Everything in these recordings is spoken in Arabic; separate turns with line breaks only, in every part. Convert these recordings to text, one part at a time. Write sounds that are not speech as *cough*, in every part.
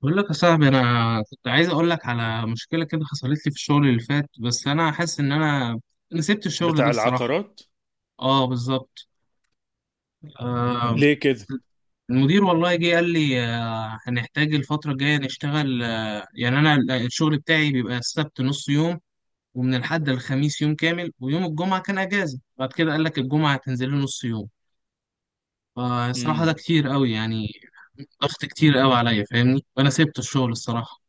بقول لك يا صاحبي، انا كنت عايز اقول لك على مشكله كده حصلت لي في الشغل اللي فات. بس انا حاسس ان انا سبت الشغل ده
بتاع
الصراحه.
العقارات.
اه بالظبط. آه.
ليه كده؟
المدير والله جه قال لي هنحتاج الفتره الجايه نشتغل. آه يعني انا ال- آه، الشغل بتاعي بيبقى السبت نص يوم، ومن الحد الخميس يوم كامل، ويوم الجمعه كان اجازه. بعد كده قال لك الجمعه هتنزل له نص يوم. فالصراحه ده
امم
كتير قوي يعني، ضغط كتير قوي عليا، فاهمني؟ فانا سبت الشغل الصراحه.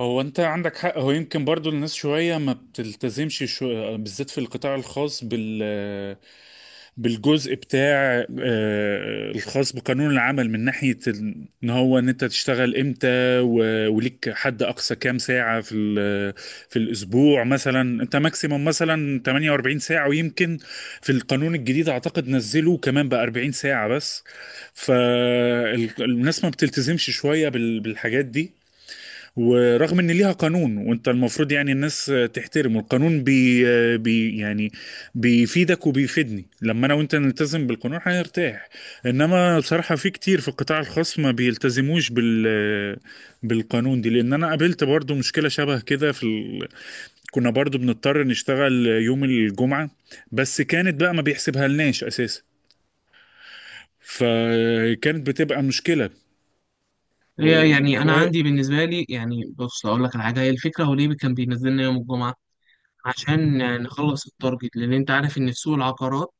هو انت عندك حق، هو يمكن برضو الناس شوية ما بتلتزمش بالذات في القطاع الخاص بالجزء بتاع الخاص بقانون العمل، من ناحية ان انت تشتغل امتى وليك حد اقصى كام ساعة في في الاسبوع. مثلا انت ماكسيموم مثلا 48 ساعة، ويمكن في القانون الجديد اعتقد نزلوا كمان بقى 40 ساعة بس. فالناس ما بتلتزمش شوية بالحاجات دي، ورغم ان ليها قانون، وانت المفروض يعني الناس تحترمه. القانون بي, بي يعني بيفيدك وبيفيدني، لما انا وانت نلتزم بالقانون هنرتاح. انما بصراحة في كتير في القطاع الخاص ما بيلتزموش بالقانون دي، لان انا قابلت برضو مشكلة شبه كده كنا برضو بنضطر نشتغل يوم الجمعة، بس كانت بقى ما بيحسبها لناش اساسا، فكانت بتبقى مشكلة. و...
هي يعني انا
وهي...
عندي بالنسبه لي، يعني بص اقول لك على حاجه، هي الفكره هو ليه كان بينزلنا يوم الجمعه؟ عشان نخلص التارجت. لان انت عارف ان في سوق العقارات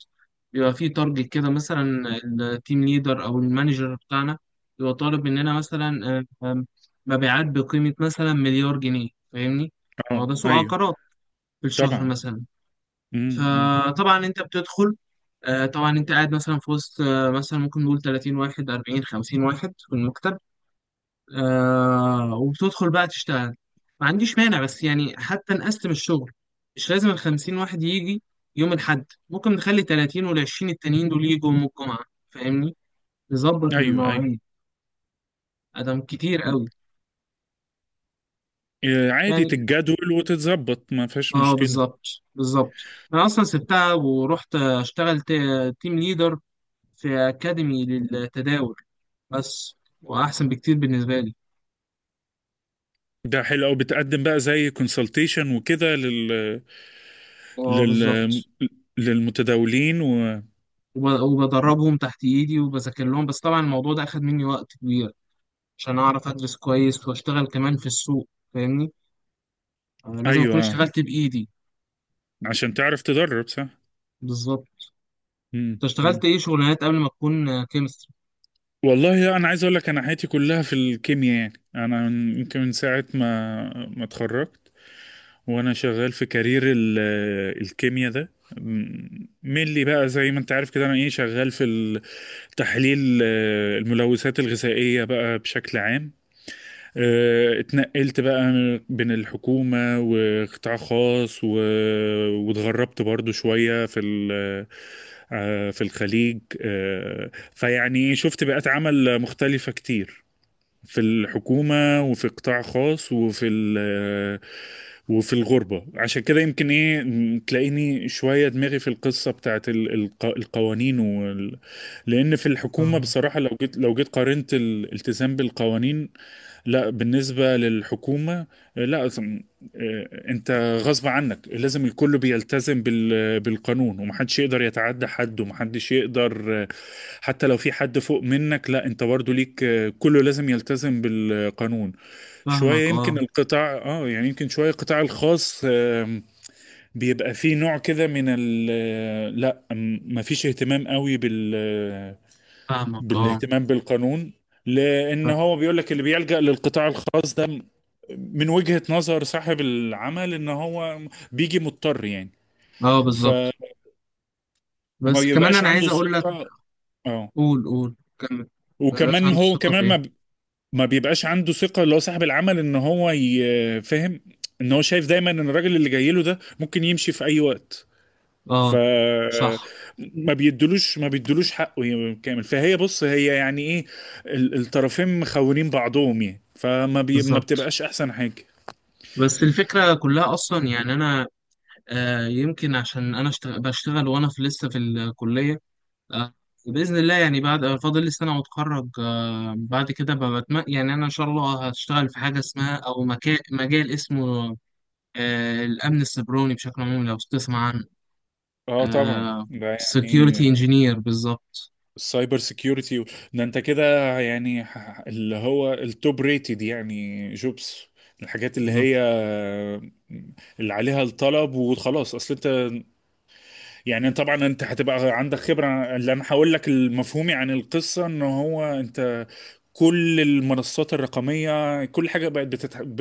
بيبقى فيه تارجت كده. مثلا التيم ليدر او المانجر بتاعنا بيبقى طالب مننا مثلا آه، آم، مبيعات بقيمه مثلا مليار جنيه، فاهمني؟ ما هو
اه،
ده سوق
ايوه،
عقارات، في الشهر
طبعا.
مثلا.
امم. أمم.
فطبعا انت بتدخل طبعا انت قاعد مثلا في وسط، مثلا ممكن نقول 30 واحد، 40، 50 واحد في المكتب. وبتدخل بقى تشتغل. ما عنديش مانع، بس يعني حتى نقسم الشغل، مش لازم الخمسين واحد يجي يوم الحد. ممكن نخلي تلاتين والعشرين التانيين دول يجوا يوم الجمعة، فاهمني؟ نظبط
ايوه، ايوه.
المواعيد. أدم كتير قوي
عادي
يعني.
تتجدول وتتظبط، ما فيهاش
اه
مشكلة.
بالظبط. بالظبط. أنا أصلا سبتها ورحت أشتغل تيم ليدر في أكاديمي للتداول بس، وأحسن بكتير بالنسبة لي.
ده حلو أوي، بتقدم بقى زي كونسلتيشن وكده لل...
اه
لل
بالظبط.
للمتداولين
وبدربهم تحت ايدي وبذاكر لهم. بس طبعا الموضوع ده اخد مني وقت عشان أعرف أدرس كويس وأشتغل كمان في السوق، فاهمني؟ لازم
أيوه.
أكون اشتغلت بإيدي.
عشان تعرف تدرب صح.
بالظبط.
مم.
أنت اشتغلت
مم.
إيه شغلانات قبل ما تكون كيمستري؟
والله أنا عايز أقول لك، أنا حياتي كلها في الكيمياء، يعني أنا يمكن من ساعة ما اتخرجت، وانا شغال في كارير الكيمياء، ده ملي بقى، زي ما انت عارف كده، انا ايه شغال في تحليل الملوثات الغذائية بقى بشكل عام. اتنقلت بقى بين الحكومة وقطاع خاص، واتغربت برضو شوية في ال... آه، في الخليج. فيعني شفت بيئات عمل مختلفة كتير، في الحكومة وفي قطاع خاص، وفي ال آه، وفي الغربة. عشان كده يمكن ايه تلاقيني شوية دماغي في القصة بتاعت القوانين لأن في الحكومة بصراحة، لو جيت قارنت الالتزام بالقوانين. لا، بالنسبة للحكومة، آه، لا أظن- آه، انت غصب عنك لازم الكل بيلتزم بالقانون، ومحدش يقدر يتعدى حد، ومحدش يقدر حتى لو في حد فوق منك، لا، انت برضو ليك، كله لازم يلتزم بالقانون. شوية
فاهمك
يمكن
أه.
القطاع يعني يمكن شوية القطاع الخاص بيبقى فيه نوع كده من ال لا مفيش اهتمام قوي
فاهمك أه.
بالاهتمام بالقانون، لان
فاهم-
هو بيقول لك اللي بيلجأ للقطاع الخاص ده، من وجهة نظر صاحب العمل، ان هو بيجي مضطر يعني،
أه
فما
بالظبط. بس كمان
بيبقاش
أنا عايز
عنده
أقول لك.
ثقة. اه.
قول قول كمل. مبقاش
وكمان
عنده
هو
الثقة في
كمان
إيه؟
ما بيبقاش عنده ثقة، اللي هو صاحب العمل، ان هو فاهم. ان هو شايف دايما ان الراجل اللي جاي له ده ممكن يمشي في اي وقت. ف
أه. صح.
ما بيدلوش حقه كامل. فهي، بص، هي يعني ايه الطرفين مخونين بعضهم، يعني فما ما
بالظبط.
بتبقاش احسن حاجة.
بس الفكرة كلها أصلا، يعني أنا يمكن عشان بشتغل وأنا في لسه في الكلية، آه، بإذن الله، يعني بعد فاضل لي سنة وأتخرج. بعد كده بتم... يعني أنا إن شاء الله هشتغل في حاجة اسمها، أو مكا... مجال اسمه الأمن السيبراني بشكل عام، لو تسمع عنه.
اه، طبعا،
آه،
ده.
security
يعني
engineer بالظبط.
السايبر سيكيورتي، ده انت كده يعني اللي هو التوب ريتد، يعني جوبس، الحاجات اللي هي
بالظبط.
اللي عليها الطلب، وخلاص. اصل انت، يعني طبعا انت هتبقى عندك خبرة، اللي انا هقول لك المفهومي عن القصة، ان هو انت كل المنصات الرقمية، كل حاجة بقت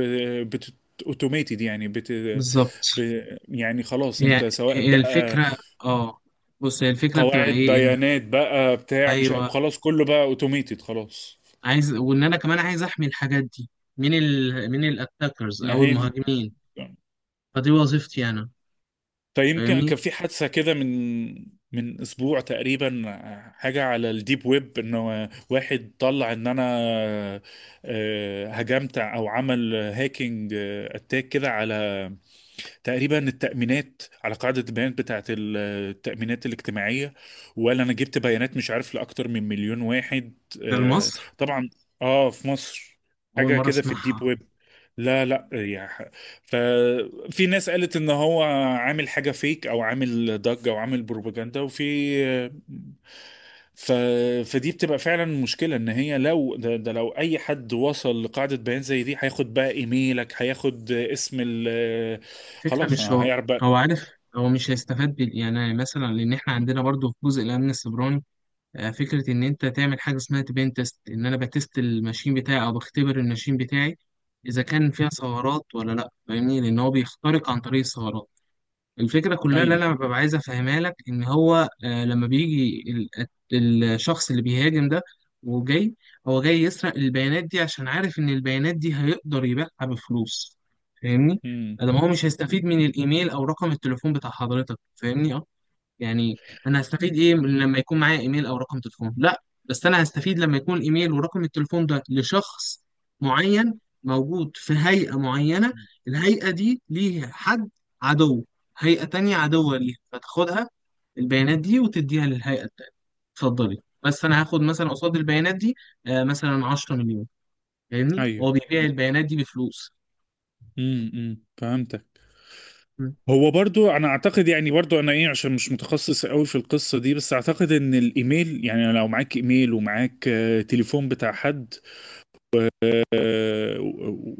بت... اوتوميتد، يعني
بالظبط.
يعني خلاص،
هي
انت سواء
هي
بقى
الفكرة. اه بص، هي الفكرة بتبقى
قواعد
إيه؟ إن،
بيانات بقى بتاع مش عارف-
أيوه،
خلاص كله بقى اوتوميتد، خلاص،
عايز، وإن أنا كمان عايز أحمي الحاجات دي من ال من الأتاكرز
يعني
أو
هي دي.
المهاجمين. فدي وظيفتي أنا،
فيمكن
فاهمني؟
كان في حادثة كده من اسبوع تقريبا، حاجة على الديب ويب، انه واحد طلع ان انا هجمت او عمل هاكينج اتاك كده، على تقريبا التأمينات، على قاعدة البيانات بتاعة التأمينات الاجتماعية، ولا أنا جبت بيانات مش عارف لأكتر من مليون واحد.
ده
آه،
لمصر؟
طبعا. في مصر،
أول
حاجة
مرة
كده في الديب
أسمعها.
ويب. لا، لا، يا ففي ناس قالت ان هو عامل حاجه فيك، او عامل ضجه، او عامل بروباجندا. ف... فدي بتبقى فعلا مشكلة، ان هي لو ده, ده لو اي حد وصل لقاعدة بيانات زي دي، هياخد بقى ايميلك، هياخد اسم
فكرة
خلاص،
مش
أنا
هو.
هيعرف بقى.
هو عارف. هو مش هيستفاد بال... يعني مثلا لان احنا عندنا برضو في جزء الامن السيبراني فكرة ان انت تعمل حاجة اسمها تبين تيست، ان انا بتست الماشين بتاعي او بختبر الماشين بتاعي اذا كان فيها ثغرات ولا لا، فاهمني؟ لان هو بيخترق عن طريق الثغرات. الفكرة كلها اللي
ايوه.
أنا ببقى عايز أفهمها لك إن هو لما بيجي الشخص اللي بيهاجم ده وجاي، هو جاي يسرق البيانات دي عشان عارف إن البيانات دي هيقدر يبيعها بفلوس، فاهمني؟
امم.
ده ما هو مش هيستفيد من الإيميل أو رقم التليفون بتاع حضرتك، فاهمني؟ آه. يعني انا هستفيد ايه من لما يكون معايا ايميل او رقم تليفون؟ لا، بس انا هستفيد لما يكون الايميل ورقم التليفون ده لشخص معين موجود في هيئة معينة، الهيئة دي ليها حد عدو، هيئة تانية عدوة ليها، فتاخدها البيانات دي وتديها للهيئة التانية. اتفضلي، بس انا هاخد مثلا قصاد البيانات دي مثلا 10 مليون. فاهمني؟ هو
ايوه.
بيبيع البيانات دي بفلوس.
امم. أمم. فهمتك.
مم.
هو برضو انا اعتقد، يعني برضو انا ايه، عشان مش متخصص قوي في القصة دي، بس اعتقد ان الايميل، يعني لو معاك ايميل، ومعاك تليفون بتاع حد،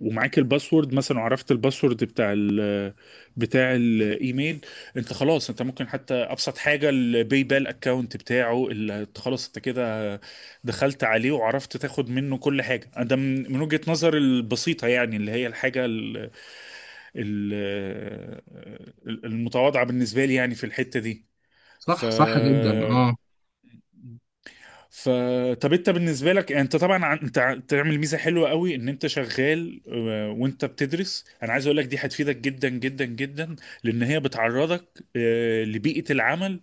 ومعاك الباسورد مثلا، وعرفت الباسورد بتاع بتاع الايميل، انت خلاص، انت ممكن حتى ابسط حاجه الباي بال اكونت بتاعه، اللي خلاص، انت كده دخلت عليه وعرفت تاخد منه كل حاجه. ده من وجهه نظر البسيطه، يعني اللي هي الحاجه ال ال المتواضعه بالنسبه لي، يعني في الحته دي. ف
صح جدا اه.
ف طب، انت بالنسبه لك يعني، انت طبعا تعمل ميزه حلوه قوي ان انت شغال، وانت بتدرس. انا عايز اقول لك دي هتفيدك جدا جدا جدا، لان هي بتعرضك لبيئه العمل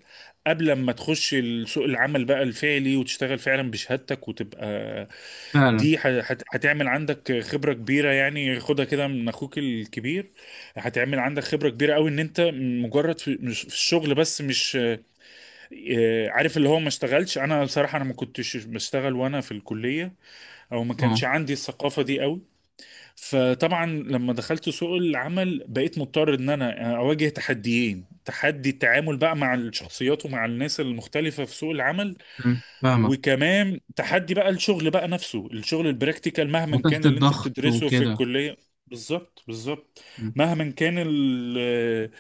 قبل ما تخش سوق العمل بقى الفعلي، وتشتغل فعلا بشهادتك، وتبقى
فعلا
دي هتعمل عندك خبره كبيره، يعني خدها كده من اخوك الكبير. هتعمل عندك خبره كبيره قوي، ان انت مجرد في في الشغل، بس مش عارف اللي هو ما اشتغلش، انا بصراحه انا ما كنتش بشتغل وانا في الكليه، او ما
اه.
كانش عندي الثقافه دي قوي. فطبعا لما دخلت سوق العمل بقيت مضطر ان انا اواجه تحديين: تحدي التعامل بقى مع الشخصيات ومع الناس المختلفه في سوق العمل،
مم. فاهمك.
وكمان تحدي بقى الشغل بقى نفسه، الشغل البراكتيكال، مهما
وتحت
كان اللي انت
الضغط
بتدرسه في
وكده.
الكلية. بالظبط، بالظبط. مهما كان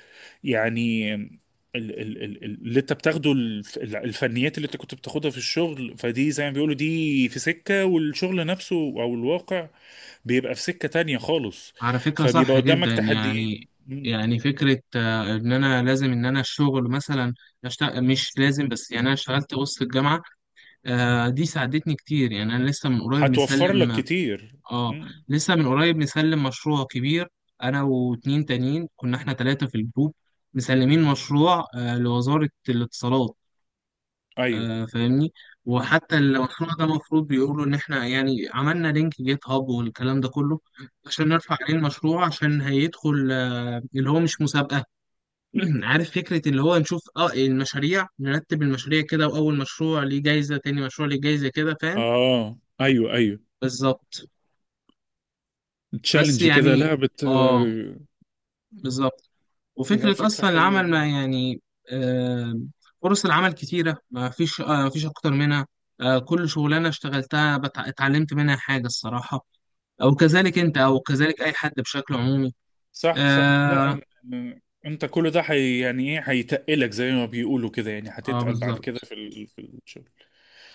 يعني اللي انت بتاخده الفنيات اللي انت كنت بتاخدها في الشغل، فدي زي ما بيقولوا دي في سكة، والشغل نفسه او الواقع بيبقى في سكة تانية خالص.
على فكرة
فبيبقى
صح
قدامك
جدا يعني.
تحديين. مم.
يعني فكرة إن أنا لازم إن أنا الشغل مثلا أشتغل، مش لازم، بس يعني أنا اشتغلت وسط الجامعة، دي ساعدتني كتير. يعني أنا لسه من قريب
هتوفر لك
مسلم.
كتير.
آه
مم.
لسه من قريب مسلم مشروع كبير. أنا واتنين تانيين كنا إحنا تلاتة في الجروب، مسلمين مشروع لوزارة الاتصالات،
ايوه.
فاهمني؟ وحتى المشروع ده المفروض بيقولوا ان احنا يعني عملنا لينك جيت هاب والكلام ده كله عشان نرفع عليه المشروع، عشان هيدخل اللي هو مش مسابقة *clears throat* عارف، فكرة اللي هو نشوف اه المشاريع، نرتب المشاريع كده، واول مشروع ليه جايزة، تاني مشروع ليه جايزة كده، فاهم؟
اه. ايوه. ايوه.
بالظبط. بس
تشالنج كده،
يعني
لا.
اه بالظبط.
لا،
وفكرة
فكرة
أصلا
حلوة.
العمل ما يعني، آه، فرص العمل كتيرة، ما فيش ما فيش أكتر منها. كل شغلانة اشتغلتها اتعلمت منها حاجة الصراحة، أو كذلك أنت، أو كذلك أي حد بشكل عمومي.
صح، صح.
آه.
لا أن- انت كل ده حي، يعني ايه هيتقلك، زي ما بيقولوا كده، يعني
آه
هتتقل بعد كده
بالظبط.
في في الشغل.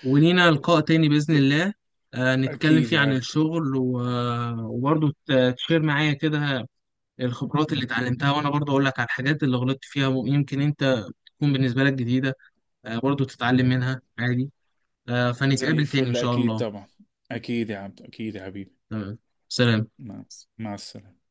ولينا لقاء تاني بإذن الله، آه نتكلم
اكيد
فيه
يا
عن
عبد.
الشغل وبرضه تشير معايا كده الخبرات اللي اتعلمتها، وأنا برضه أقول لك على الحاجات اللي غلطت فيها، ويمكن أنت تكون بالنسبة لك جديدة، آه برضه تتعلم منها عادي.
زي
فنتقابل تاني إن
الفل،
شاء
اكيد
الله.
طبعا. اكيد يا عبد، اكيد يا حبيبي.
تمام. سلام.
مع مع السلامة.